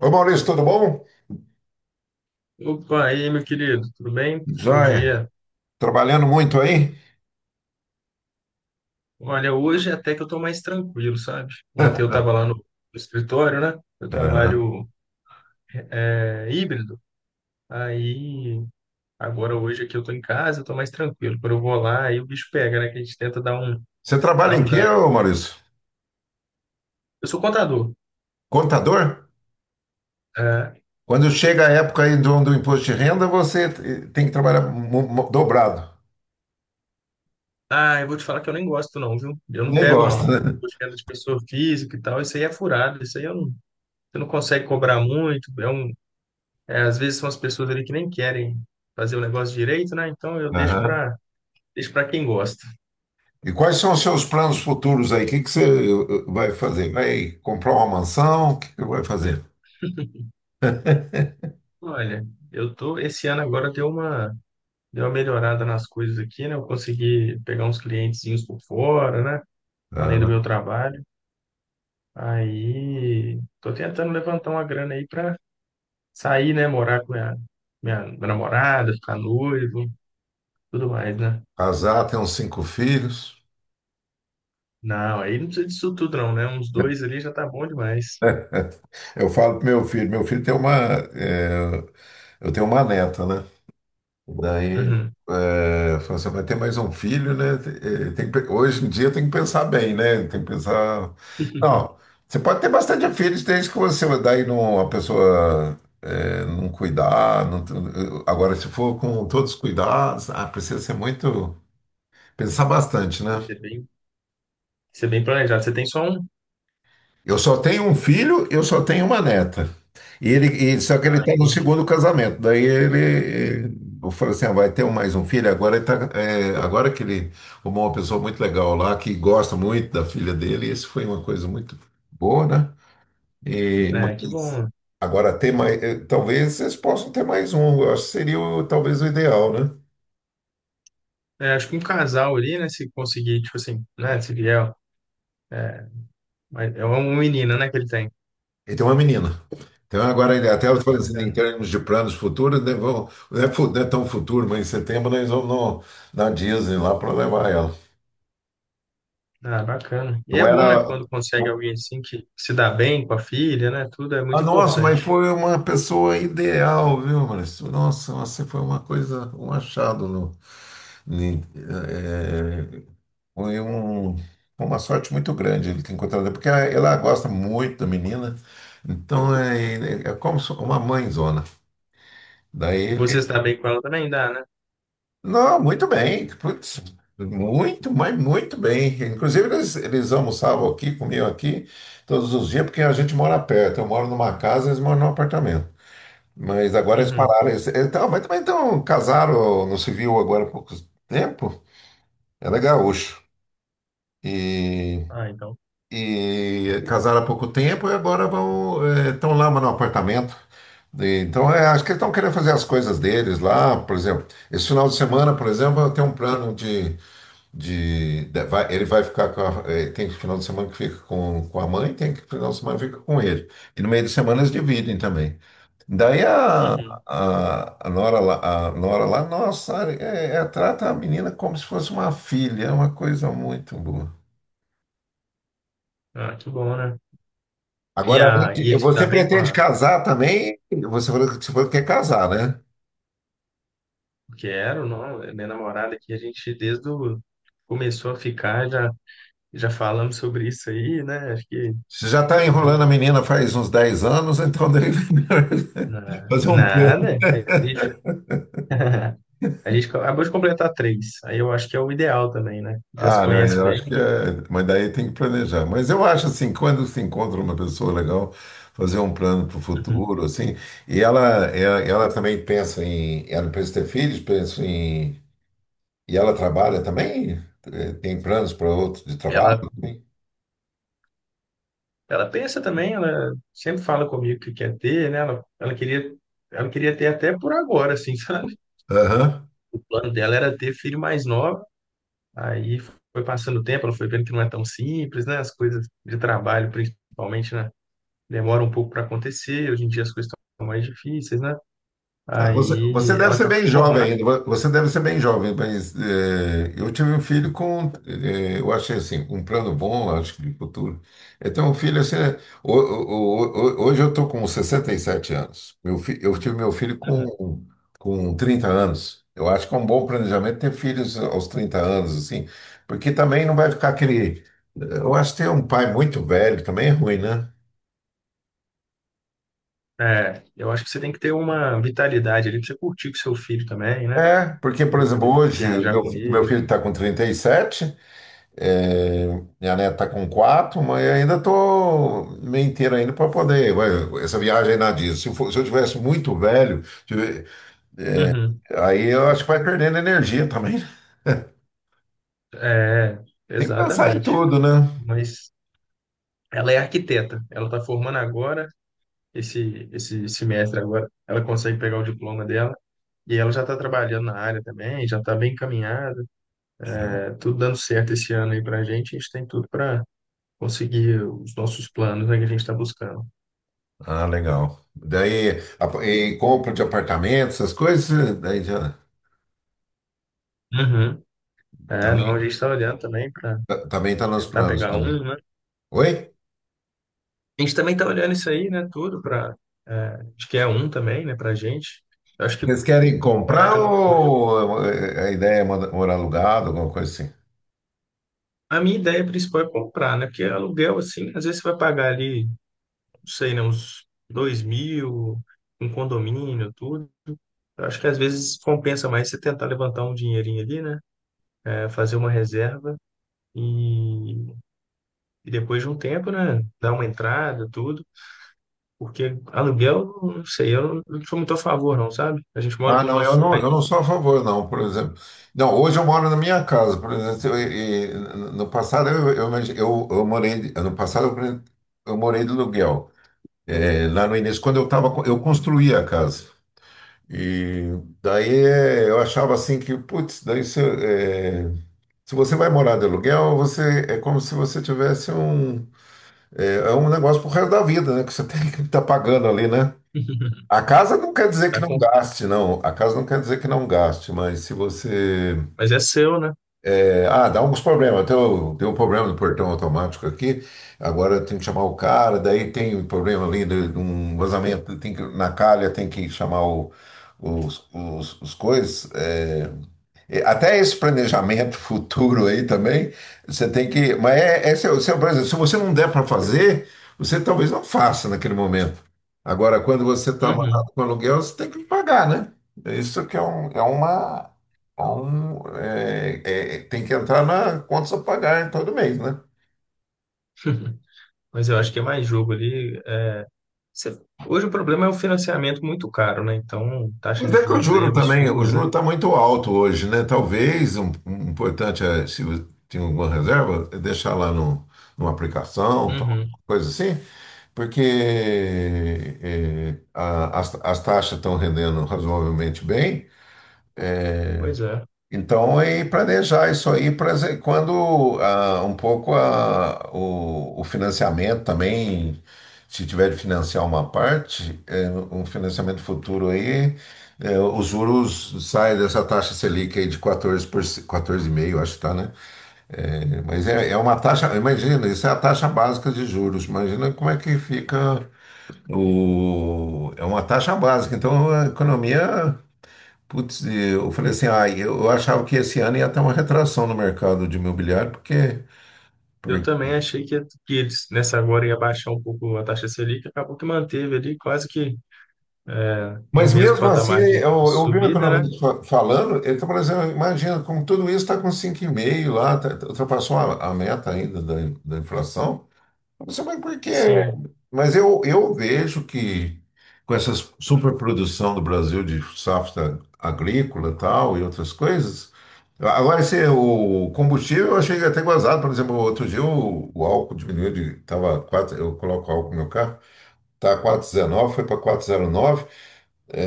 Ô Maurício, tudo bom? Opa, e aí, meu querido, tudo bem? Bom Joia. dia. Trabalhando muito aí? Olha, hoje até que eu tô mais tranquilo, sabe? Ontem eu tava lá no escritório, né? Eu Aham. trabalho é, híbrido, aí agora hoje aqui eu tô em casa, eu tô mais tranquilo. Quando eu vou lá, aí o bicho pega, né? Que a gente tenta Você trabalha dar em um quê, gás. ô Maurício? Eu sou contador. Contador? É. Quando chega a época aí do imposto de renda, você tem que trabalhar dobrado. Ah, eu vou te falar que eu nem gosto não, viu? Eu não Nem pego gosta, não. né? Tô venda de pessoa física e tal, isso aí é furado, isso aí eu não, você não consegue cobrar muito, é um. É, às vezes são as pessoas ali que nem querem fazer o negócio direito, né? Então eu Aham. Deixo para quem gosta. E quais são os seus planos futuros aí? O que que você vai fazer? Vai comprar uma mansão? O que que vai fazer? Olha, eu tô esse ano agora deu uma melhorada nas coisas aqui, né? Eu consegui pegar uns clientezinhos por fora, né? Além do meu Aham. trabalho. Aí tô tentando levantar uma grana aí para sair, né? Morar com minha namorada, ficar noivo, tudo mais, né? Casar, ter uns cinco filhos. Não, aí não precisa disso tudo não, né? Uns dois ali já tá bom demais. Eu falo pro meu filho tem eh, eu tenho uma neta, né? Daí, Uhum. é, falou assim, vai ter mais um filho, né? Eh, Tem que pe- hoje em dia tem que pensar bem, né? Tem que pensar. Não, você pode ter bastante filhos desde que você daí não, a pessoa não cuidar. Agora, se for com todos os cuidados, precisa ser muito. Pensar bastante, Tem né? que ser bem, tem que ser bem planejado. Você tem só um. Eu só tenho um filho, eu só tenho uma neta. E ele, só que ele está no Entendi. segundo casamento. Daí ele, eu falei assim, vai ter mais um filho. Agora que ele arrumou uma pessoa muito legal lá, que gosta muito da filha dele, isso foi uma coisa muito boa, né? E, É, que bom, mas né? agora ter mais, talvez vocês possam ter mais um. Eu acho que seria talvez o ideal, né? É, acho que um casal ali, né, se conseguir, tipo assim, né, se vier, é, mas é um menino, né, que ele tem. Ele tem uma menina. Então, agora, até eu falando assim, em Bacana. termos de planos futuros, né, não é, não é tão futuro, mas em setembro nós vamos na Disney lá para levar ela. Ah, bacana. E Não é bom, era. né, quando consegue não- alguém assim que se dá bem com a filha, né, tudo é Ah, muito nossa, mas importante. foi uma pessoa ideal, viu, Maurício? Nossa, você foi uma coisa, um achado. No, ni- eh, Foi uma sorte muito grande ele ter encontrado, porque ela gosta muito da menina, então é como se- uma mãezona. E Daí você se dá bem com ela também dá, né? não, muito bem. Putz, muito, mas muito bem. Inclusive, eles almoçavam aqui, comiam aqui todos os dias, porque a gente mora perto. Eu moro numa casa, eles moram num apartamento. Mas agora eles Uhum. pararam. Eles, então, mas também então, casaram no civil agora há pouco tempo. Ela é gaúcho. E, Ah, então. e casaram há pouco tempo e agora estão lá no apartamento. Então, é, acho que eles estão querendo fazer as coisas deles lá, por exemplo. Esse final de semana, por exemplo, eu tenho um plano de ele vai ficar tem final de semana que fica com a mãe, tem que final de semana que fica com ele. E no meio de semana eles dividem também. Daí a, Uhum. a, a Nora lá, nossa, trata a menina como se fosse uma filha, é uma coisa muito boa. Ah, que bom, né? E, Agora, a, e ele se você dá bem com pretende a... casar também? Você falou que quer casar, né? Porque era, não, é minha namorada que a gente desde o... começou a ficar, já, já falamos sobre isso aí, né, acho que... Você já está a enrolando gente. a menina faz uns 10 anos, então deve Na- fazer um plano. Nada. A gente, a gente acabou de completar três. Aí eu acho que é o ideal também, né? Já se Ah, não, conhece eu bem. acho que é. Mas daí tem que planejar. Mas eu acho assim, quando se encontra uma pessoa legal, fazer um plano para o Uhum. futuro, assim, e ela também pensa em. Ela pensa em ter filhos, pensa em. E ela trabalha também? Tem planos para outro de trabalho Ela, também? ela pensa também, ela sempre fala comigo que quer ter, né? Ela queria, ela queria ter até por agora, assim, sabe? Aham. O plano dela era ter filho mais nova. Aí foi passando o tempo, ela foi vendo que não é tão simples, né? As coisas de trabalho, principalmente, né? Demoram um pouco para acontecer. Hoje em dia as coisas estão mais difíceis, né? Ah, você Aí deve ela ser acabou bem de jovem formar. ainda, você deve ser bem jovem, mas eu tive um filho com, eu achei assim, um plano bom, acho que de futuro. Eu tenho um filho assim, né, hoje eu estou com 67 anos, eu tive meu filho com 30 anos. Eu acho que é um bom planejamento ter filhos aos 30 anos, assim, porque também não vai ficar aquele. Eu acho que ter um pai muito velho também é ruim, né? É, eu acho que você tem que ter uma vitalidade ali pra você curtir com seu filho também, né? É, porque, por Você exemplo, poder hoje o viajar meu, com meu ele. filho está com 37. É, minha neta tá com quatro, mas eu ainda tô meio inteiro ainda para poder. Essa viagem aí na Disney. Se eu tivesse muito velho, Uhum. aí eu acho que vai perdendo energia também. É, Tem que pensar em exatamente. tudo, né? Mas ela é arquiteta. Ela está formando agora, esse semestre agora. Ela consegue pegar o diploma dela. E ela já está trabalhando na área também, já está bem encaminhada. É, tudo dando certo esse ano aí para a gente. A gente tem tudo para conseguir os nossos planos, né, que a gente está buscando. Ah, legal. Daí, e compra de apartamento, essas coisas, daí já Uhum. É, não, a também gente está olhando também para também tá nos tentar planos pegar também. um, né? Oi? A gente também tá olhando isso aí, né? Tudo para. Acho que é um também, né? Pra gente. Eu acho que Vocês querem morar comprar de aluguel hoje. ou a ideia é morar alugado, alguma coisa assim? A minha ideia principal é comprar, né? Porque aluguel, assim, às vezes você vai pagar ali, não sei, né? Uns 2 mil, um condomínio, tudo. Eu acho que às vezes compensa mais você tentar levantar um dinheirinho ali, né? É, fazer uma reserva e, e depois de um tempo, né? Dar uma entrada, tudo. Porque aluguel, não sei, eu não, não sou muito a favor, não, sabe? A gente mora Ah, com os não, eu nossos não, pais. eu não sou a favor, não, por exemplo. Não, hoje eu moro na minha casa, por exemplo, no passado eu morei, no passado eu morei de aluguel. É, lá no início, quando eu tava, eu construía a casa. E daí é, eu achava assim que, putz, daí se, é, se você vai morar de aluguel, você é como se você tivesse um, é, é um negócio pro resto da vida, né? Que você tem que estar pagando ali, né? A casa não quer dizer que Tá. não gaste, não. A casa não quer dizer que não gaste, mas se você. Mas é seu, né? Dá alguns problemas. Tem o, tem um problema do portão automático aqui, agora tem que chamar o cara, daí tem um problema ali de um vazamento, tem que, na calha tem que chamar os coisas. Até esse planejamento futuro aí também, você tem que. Mas é seu, por exemplo, se você não der para fazer, você talvez não faça naquele momento. Agora, quando você está Uhum. amarrado com aluguel, você tem que pagar, né? Isso que é, um, é uma. É um, tem que entrar na contas a pagar em todo mês, né? Mas eu acho que é mais jogo ali. É, você- hoje o problema é o financiamento muito caro, né? Então, taxa Mas de é que o juros aí é juro também, o absurda, juro né? está muito alto hoje, né? Talvez um importante é, se você tem alguma reserva, é deixar lá no, numa aplicação, tal, Uhum. coisa assim, porque as taxas estão rendendo razoavelmente bem. Pois é. Então, e planejar isso aí, quando um pouco o financiamento também, se tiver de financiar uma parte, é, um financiamento futuro aí, os juros saem dessa taxa Selic aí de 14%, 14,5, acho que tá, né? Mas é uma taxa, imagina, isso é a taxa básica de juros, imagina como é que fica é uma taxa básica, então a economia. Putz, eu falei assim, ah, eu achava que esse ano ia ter uma retração no mercado de imobiliário, porque, Eu por- também achei que eles, nessa agora, ia baixar um pouco a taxa Selic, acabou que manteve ali quase que no Mas mesmo mesmo assim, patamar de eu vi o subida, né? economista falando, ele está falando assim, imagina, com tudo isso está com 5,5 lá, ultrapassou a meta ainda da inflação. Você vai porque. Sim. Mas eu vejo que com essa superprodução do Brasil de safra agrícola tal e outras coisas. Agora, esse, o combustível eu achei até gozado. Por exemplo, outro dia o álcool diminuiu de. Tava 4 eu coloco álcool no meu carro, tá 4,19, foi para 4,09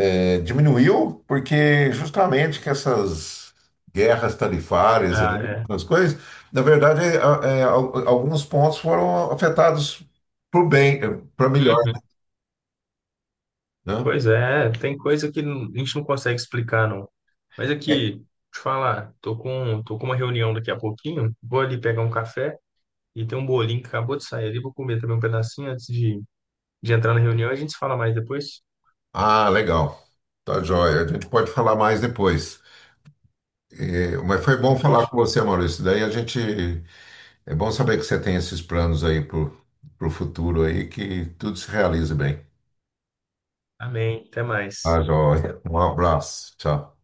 diminuiu porque justamente que essas guerras tarifárias Ah, aí, é. as coisas, na verdade, alguns pontos foram afetados para o bem, para melhor, Uhum. né? Pois é, tem coisa que não- a gente não consegue explicar, não. Mas É. aqui, deixa eu te falar, tô com uma reunião daqui a pouquinho, vou ali pegar um café. E tem um bolinho que acabou de sair ali. Vou comer também um pedacinho antes de entrar na reunião. A gente se fala mais depois. Ah, legal. Tá joia. A gente pode falar mais depois. É, mas foi Então, bom falar com fechou. você, Maurício. Daí a gente. É bom saber que você tem esses planos aí pro futuro aí, que tudo se realize bem. Amém. Até Tá mais. joia. Um abraço. Tchau.